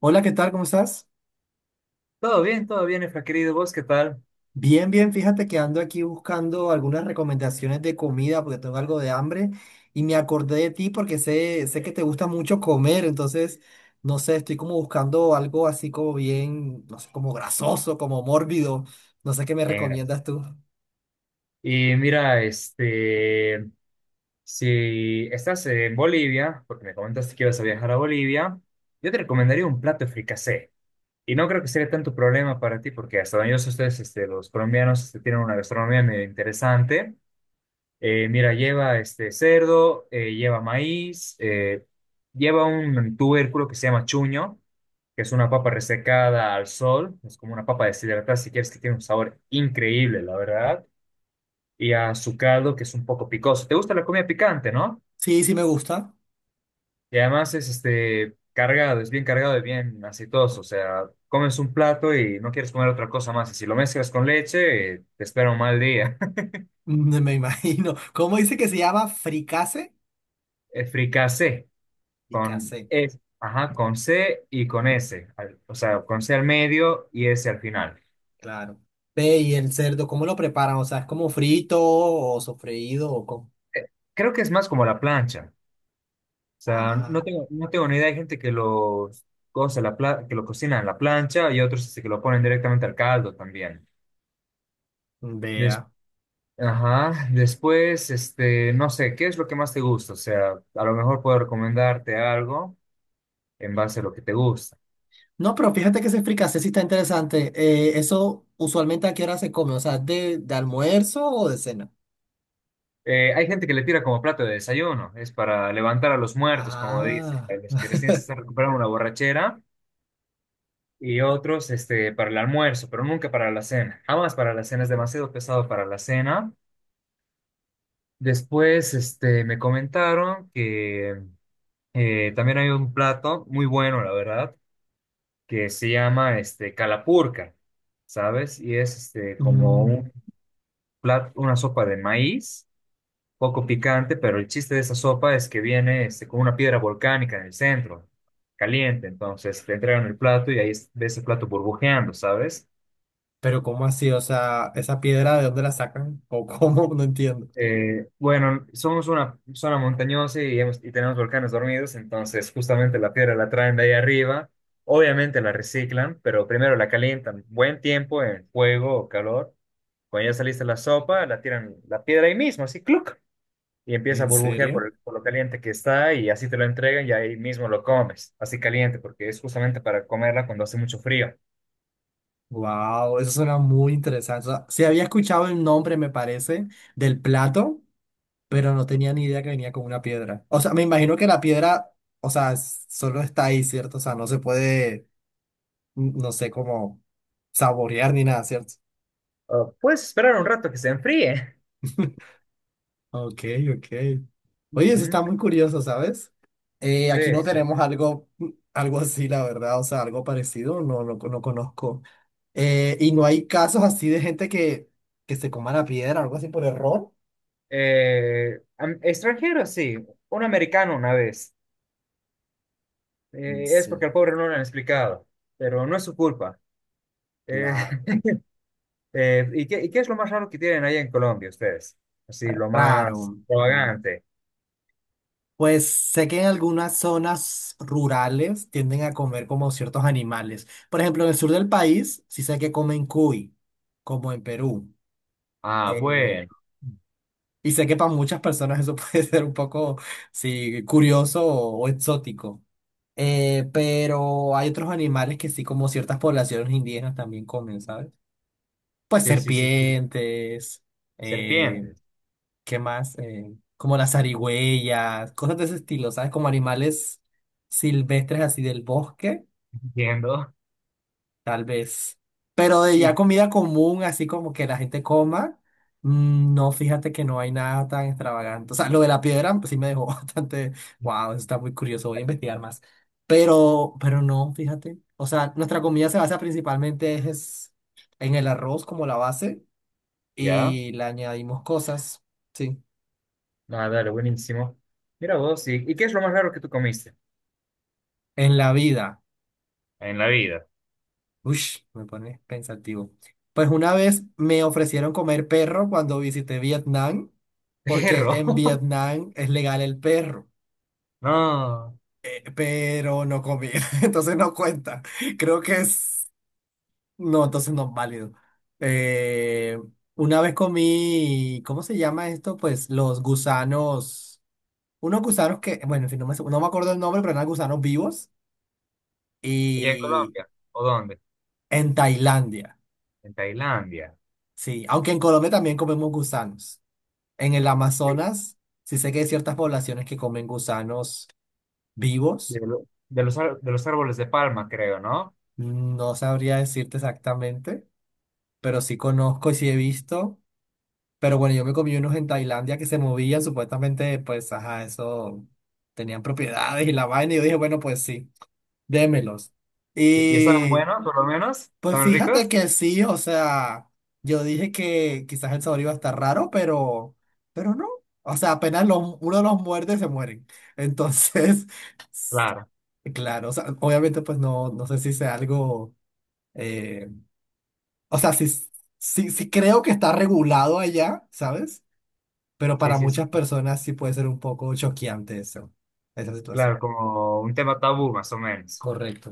Hola, ¿qué tal? ¿Cómo estás? Todo bien, Efra, querido. ¿Vos qué tal? Bien, bien, fíjate que ando aquí buscando algunas recomendaciones de comida porque tengo algo de hambre y me acordé de ti porque sé que te gusta mucho comer, entonces, no sé, estoy como buscando algo así como bien, no sé, como grasoso, como mórbido, no sé qué me Bien, gracias. recomiendas tú. Y mira, si estás en Bolivia, porque me comentaste que ibas a viajar a Bolivia, yo te recomendaría un plato de fricasé. Y no creo que sea tanto problema para ti, porque hasta donde yo sé, ustedes, los colombianos, tienen una gastronomía medio interesante. Mira, lleva este cerdo, lleva maíz, lleva un tubérculo que se llama chuño, que es una papa resecada al sol, es como una papa deshidratada, si quieres, que tiene un sabor increíble, la verdad, y azucarado, que es un poco picoso. ¿Te gusta la comida picante, no? Sí, sí me gusta. Y además es cargado, es bien cargado y bien aceitoso, o sea, comes un plato y no quieres comer otra cosa más, y si lo mezclas con leche, te espera un mal día. Mm, me imagino. ¿Cómo dice que se llama? ¿Fricase? Fricasé, Fricase, con E, ajá, con C y con S, o sea, con C al medio y S al final. claro. Ve, y el cerdo, ¿cómo lo preparan? O sea, ¿es como frito o sofreído o cómo? Eh, Creo que es más como la plancha. Sea, no Ah. tengo, no tengo ni idea. Hay gente que los cosa que lo cocina en la plancha y otros que lo ponen directamente al caldo también. Des- Vea. Ajá. Después, no sé, ¿qué es lo que más te gusta? O sea, a lo mejor puedo recomendarte algo en base a lo que te gusta. No, pero fíjate que ese fricasé sí está interesante. Eso usualmente a qué hora se come, o sea, de almuerzo o de cena. Hay gente que le tira como plato de desayuno, es para levantar a los muertos, como dicen, a Ah, los que recién se están recuperando una borrachera, y otros para el almuerzo, pero nunca para la cena. Jamás para la cena, es demasiado pesado para la cena. Después, me comentaron que también hay un plato muy bueno, la verdad, que se llama calapurca, ¿sabes? Y es como mm, un plato, una sopa de maíz, poco picante, pero el chiste de esa sopa es que viene con una piedra volcánica en el centro, caliente. Entonces te entregan el plato y ahí ves el plato burbujeando, ¿sabes? pero ¿cómo así? O sea, ¿esa piedra de dónde la sacan? ¿O cómo? No entiendo. Bueno, somos una zona montañosa y tenemos volcanes dormidos, entonces justamente la piedra la traen de ahí arriba. Obviamente la reciclan, pero primero la calientan buen tiempo en fuego o calor. Cuando ya saliste la sopa, la tiran la piedra ahí mismo, así, ¡cluc! Y empieza a ¿En burbujear por, serio? el- por lo caliente que está y así te lo entregan y ahí mismo lo comes, así caliente, porque es justamente para comerla cuando hace mucho frío. Wow, eso suena muy interesante. O sea, sí había escuchado el nombre, me parece, del plato, pero no tenía ni idea que venía con una piedra. O sea, me imagino que la piedra, o sea, solo está ahí, ¿cierto? O sea, no se puede, no sé cómo saborear ni nada, ¿cierto? Ah, puedes esperar un rato que se enfríe. Ok, ok. Oye, eso Ujú, está muy curioso, ¿sabes? Sí, Aquí no sí. tenemos algo, algo así, la verdad, o sea, algo parecido, no, no, no conozco. Y no hay casos así de gente que se coma la piedra, algo así por error. Extranjero, sí. Un americano una vez. Mm, Es sí, porque al pobre no le han explicado, pero no es su culpa. Eh, claro. ¿Y qué es lo más raro que tienen ahí en Colombia ustedes? Así, lo más Raro. Mm. extravagante. Pues sé que en algunas zonas rurales tienden a comer como ciertos animales. Por ejemplo, en el sur del país sí sé que comen cuy, como en Perú. Ah, Eh, bueno. Y sé que para muchas personas eso puede ser un poco, sí, curioso o exótico. Pero hay otros animales que sí, como ciertas poblaciones indígenas también comen, ¿sabes? Pues Sí, sí, sí. Sí. serpientes, eh, Serpientes. ¿qué más? Como las zarigüeyas, cosas de ese estilo, ¿sabes? Como animales silvestres así del bosque. Entiendo. Tal vez. Pero de ya Y comida común, así como que la gente coma, mm, no, fíjate que no hay nada tan extravagante. O sea, lo de la piedra pues, sí me dejó bastante, wow, eso está muy curioso, voy a investigar más. Pero no, fíjate. O sea, nuestra comida se basa principalmente es en el arroz como la base ya. y le añadimos cosas, sí, Ah, dale, buenísimo. Mira vos, ¿y qué es lo más raro que tú comiste? en la vida. En la vida. Ush, me pones pensativo. Pues una vez me ofrecieron comer perro cuando visité Vietnam, porque Perro. en Vietnam es legal el perro, No. Pero no comí, entonces no cuenta. Creo que es... No, entonces no es válido. Eh, una vez comí, ¿cómo se llama esto? Pues los gusanos, unos gusanos que, bueno, en fin, no me acuerdo el nombre, pero eran gusanos vivos ¿Y en y Colombia? ¿O dónde? en Tailandia, En Tailandia. sí, aunque en Colombia también comemos gusanos. En el Amazonas, sí sé que hay ciertas poblaciones que comen gusanos De, vivos. lo- de los, ar- de los árboles de palma, creo, ¿no? No sabría decirte exactamente, pero sí conozco y sí he visto. Pero bueno, yo me comí unos en Tailandia que se movían, supuestamente, pues, ajá, eso tenían propiedades y la vaina. Y yo dije, bueno, pues sí, démelos. ¿Y estaban Y buenos, por lo menos? pues ¿Estaban fíjate ricos? que sí, o sea, yo dije que quizás el sabor iba a estar raro, pero no. O sea, uno los muerde, se mueren. Entonces. Claro, Claro, o sea, obviamente pues no, no sé si sea algo, eh, o sea, sí, sí creo que está regulado allá, ¿sabes? Pero sí, para sí, sí, muchas sí, personas sí puede ser un poco choqueante eso, esa claro, situación. como un tema tabú, más o menos. Correcto.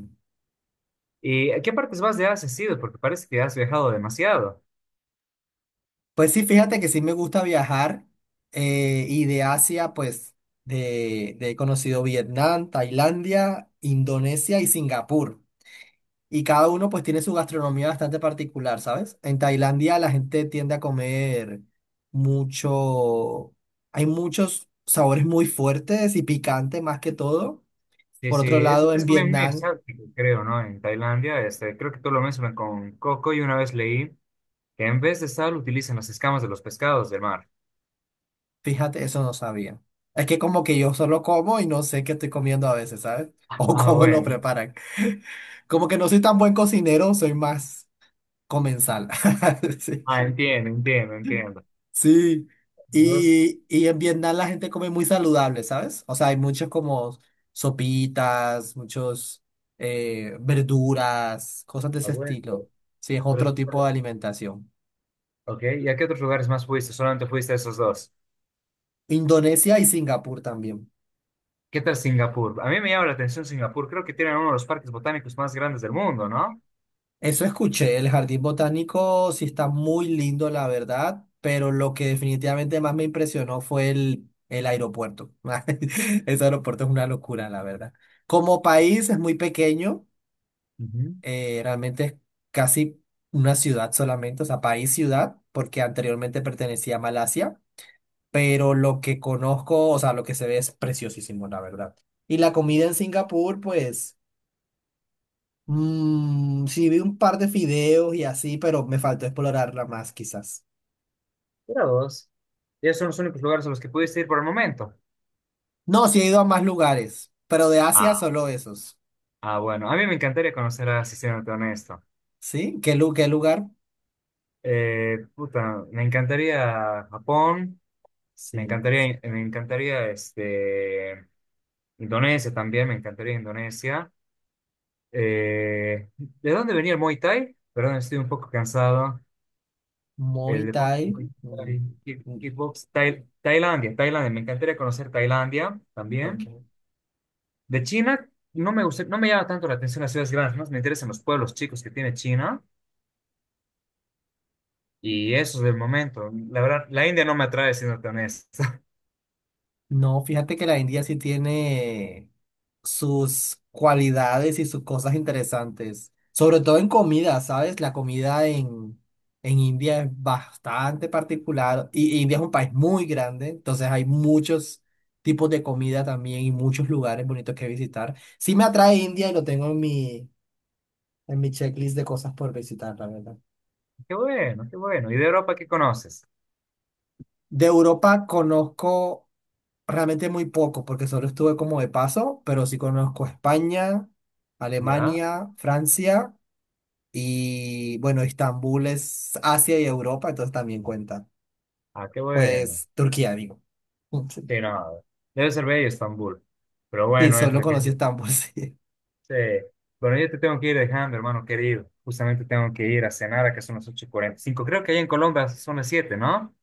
¿Y a qué partes más de Asia has ido? Porque parece que has viajado demasiado. Pues sí, fíjate que sí me gusta viajar, y de Asia pues he conocido Vietnam, Tailandia, Indonesia y Singapur. Y cada uno pues tiene su gastronomía bastante particular, ¿sabes? En Tailandia la gente tiende a comer mucho, hay muchos sabores muy fuertes y picantes más que todo. Sí, Por sí, otro es, lado, en es como bien muy Vietnam, exótico, creo, ¿no? En Tailandia, creo que tú lo mencionas con coco y una vez leí que en vez de sal utilizan las escamas de los pescados del mar. fíjate, eso no sabía. Es que como que yo solo como y no sé qué estoy comiendo a veces, ¿sabes? O Ah, cómo lo bueno. preparan. Como que no soy tan buen cocinero, soy más comensal. Sí. Ah, entiendo, entiendo, entiendo. Sí, Dos, y en Vietnam la gente come muy saludable, ¿sabes? O sea, hay muchos como sopitas, muchos verduras, cosas de ah, ese bueno. estilo. Sí, es Pero es- otro tipo de alimentación. Ok, ¿y a qué otros lugares más fuiste? Solamente fuiste a esos dos. Indonesia y Singapur también. ¿Qué tal Singapur? A mí me llama la atención Singapur. Creo que tienen uno de los parques botánicos más grandes del mundo, ¿no? Eso escuché, el jardín botánico sí está muy lindo, la verdad, pero lo que definitivamente más me impresionó fue el aeropuerto. Ese aeropuerto es una locura, la verdad. Como país es muy pequeño. Ujú. Realmente es casi una ciudad solamente, o sea, país ciudad, porque anteriormente pertenecía a Malasia, pero lo que conozco, o sea, lo que se ve es preciosísimo, la verdad. Y la comida en Singapur, pues, mm, sí vi un par de fideos y así, pero me faltó explorarla más quizás. Mira vos. Y esos son los únicos lugares a los que pudiste ir por el momento. No, sí he ido a más lugares, pero de Asia Ah, solo esos. ah, bueno. A mí me encantaría conocer a Sistemas Honesto. ¿Sí? ¿ Qué lugar? Puta, me encantaría Japón. Me Sí. encantaría, me encantaría Indonesia también. Me encantaría Indonesia. ¿De dónde venía el Muay Thai? Perdón, estoy un poco cansado. Muay El deporte Thai. Mm, mm, kickbox, Tailandia, me encantaría conocer Tailandia también. ok. De China, no me gusta, no me llama tanto la atención las ciudades grandes, más me interesan los pueblos chicos que tiene China y eso es del momento. La verdad, la India no me atrae, siendo tan honesto. No, fíjate que la India sí tiene sus cualidades y sus cosas interesantes, sobre todo en comida, ¿sabes? La comida en India es bastante particular y India es un país muy grande, entonces hay muchos tipos de comida también y muchos lugares bonitos que visitar. Sí me atrae India y lo tengo en mi checklist de cosas por visitar, la verdad. Qué bueno, qué bueno. ¿Y de Europa qué conoces? De Europa conozco realmente muy poco, porque solo estuve como de paso, pero sí conozco España, ¿Ya? Alemania, Francia y bueno, Estambul es Asia y Europa, entonces también cuenta. Ah, qué bueno. Pues Turquía, digo. Sí, Sí, no, debe ser bello Estambul. Pero sí, bueno, solo Efra, ¿qué? conocí Estambul, sí. Sí. Bueno, yo te tengo que ir dejando, hermano querido. Justamente tengo que ir a cenar, a que son las 8:45. Creo que allá en Colombia son las 7, ¿no?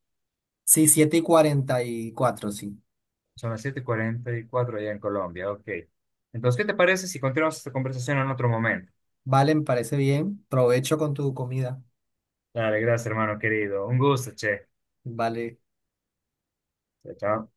Sí, 7:44 sí. Son las 7:44 allá en Colombia, ok. Entonces, ¿qué te parece si continuamos esta conversación en otro momento? Vale, me parece bien. Provecho con tu comida. Dale, gracias, hermano querido. Un gusto, che. Vale. Chao, chao.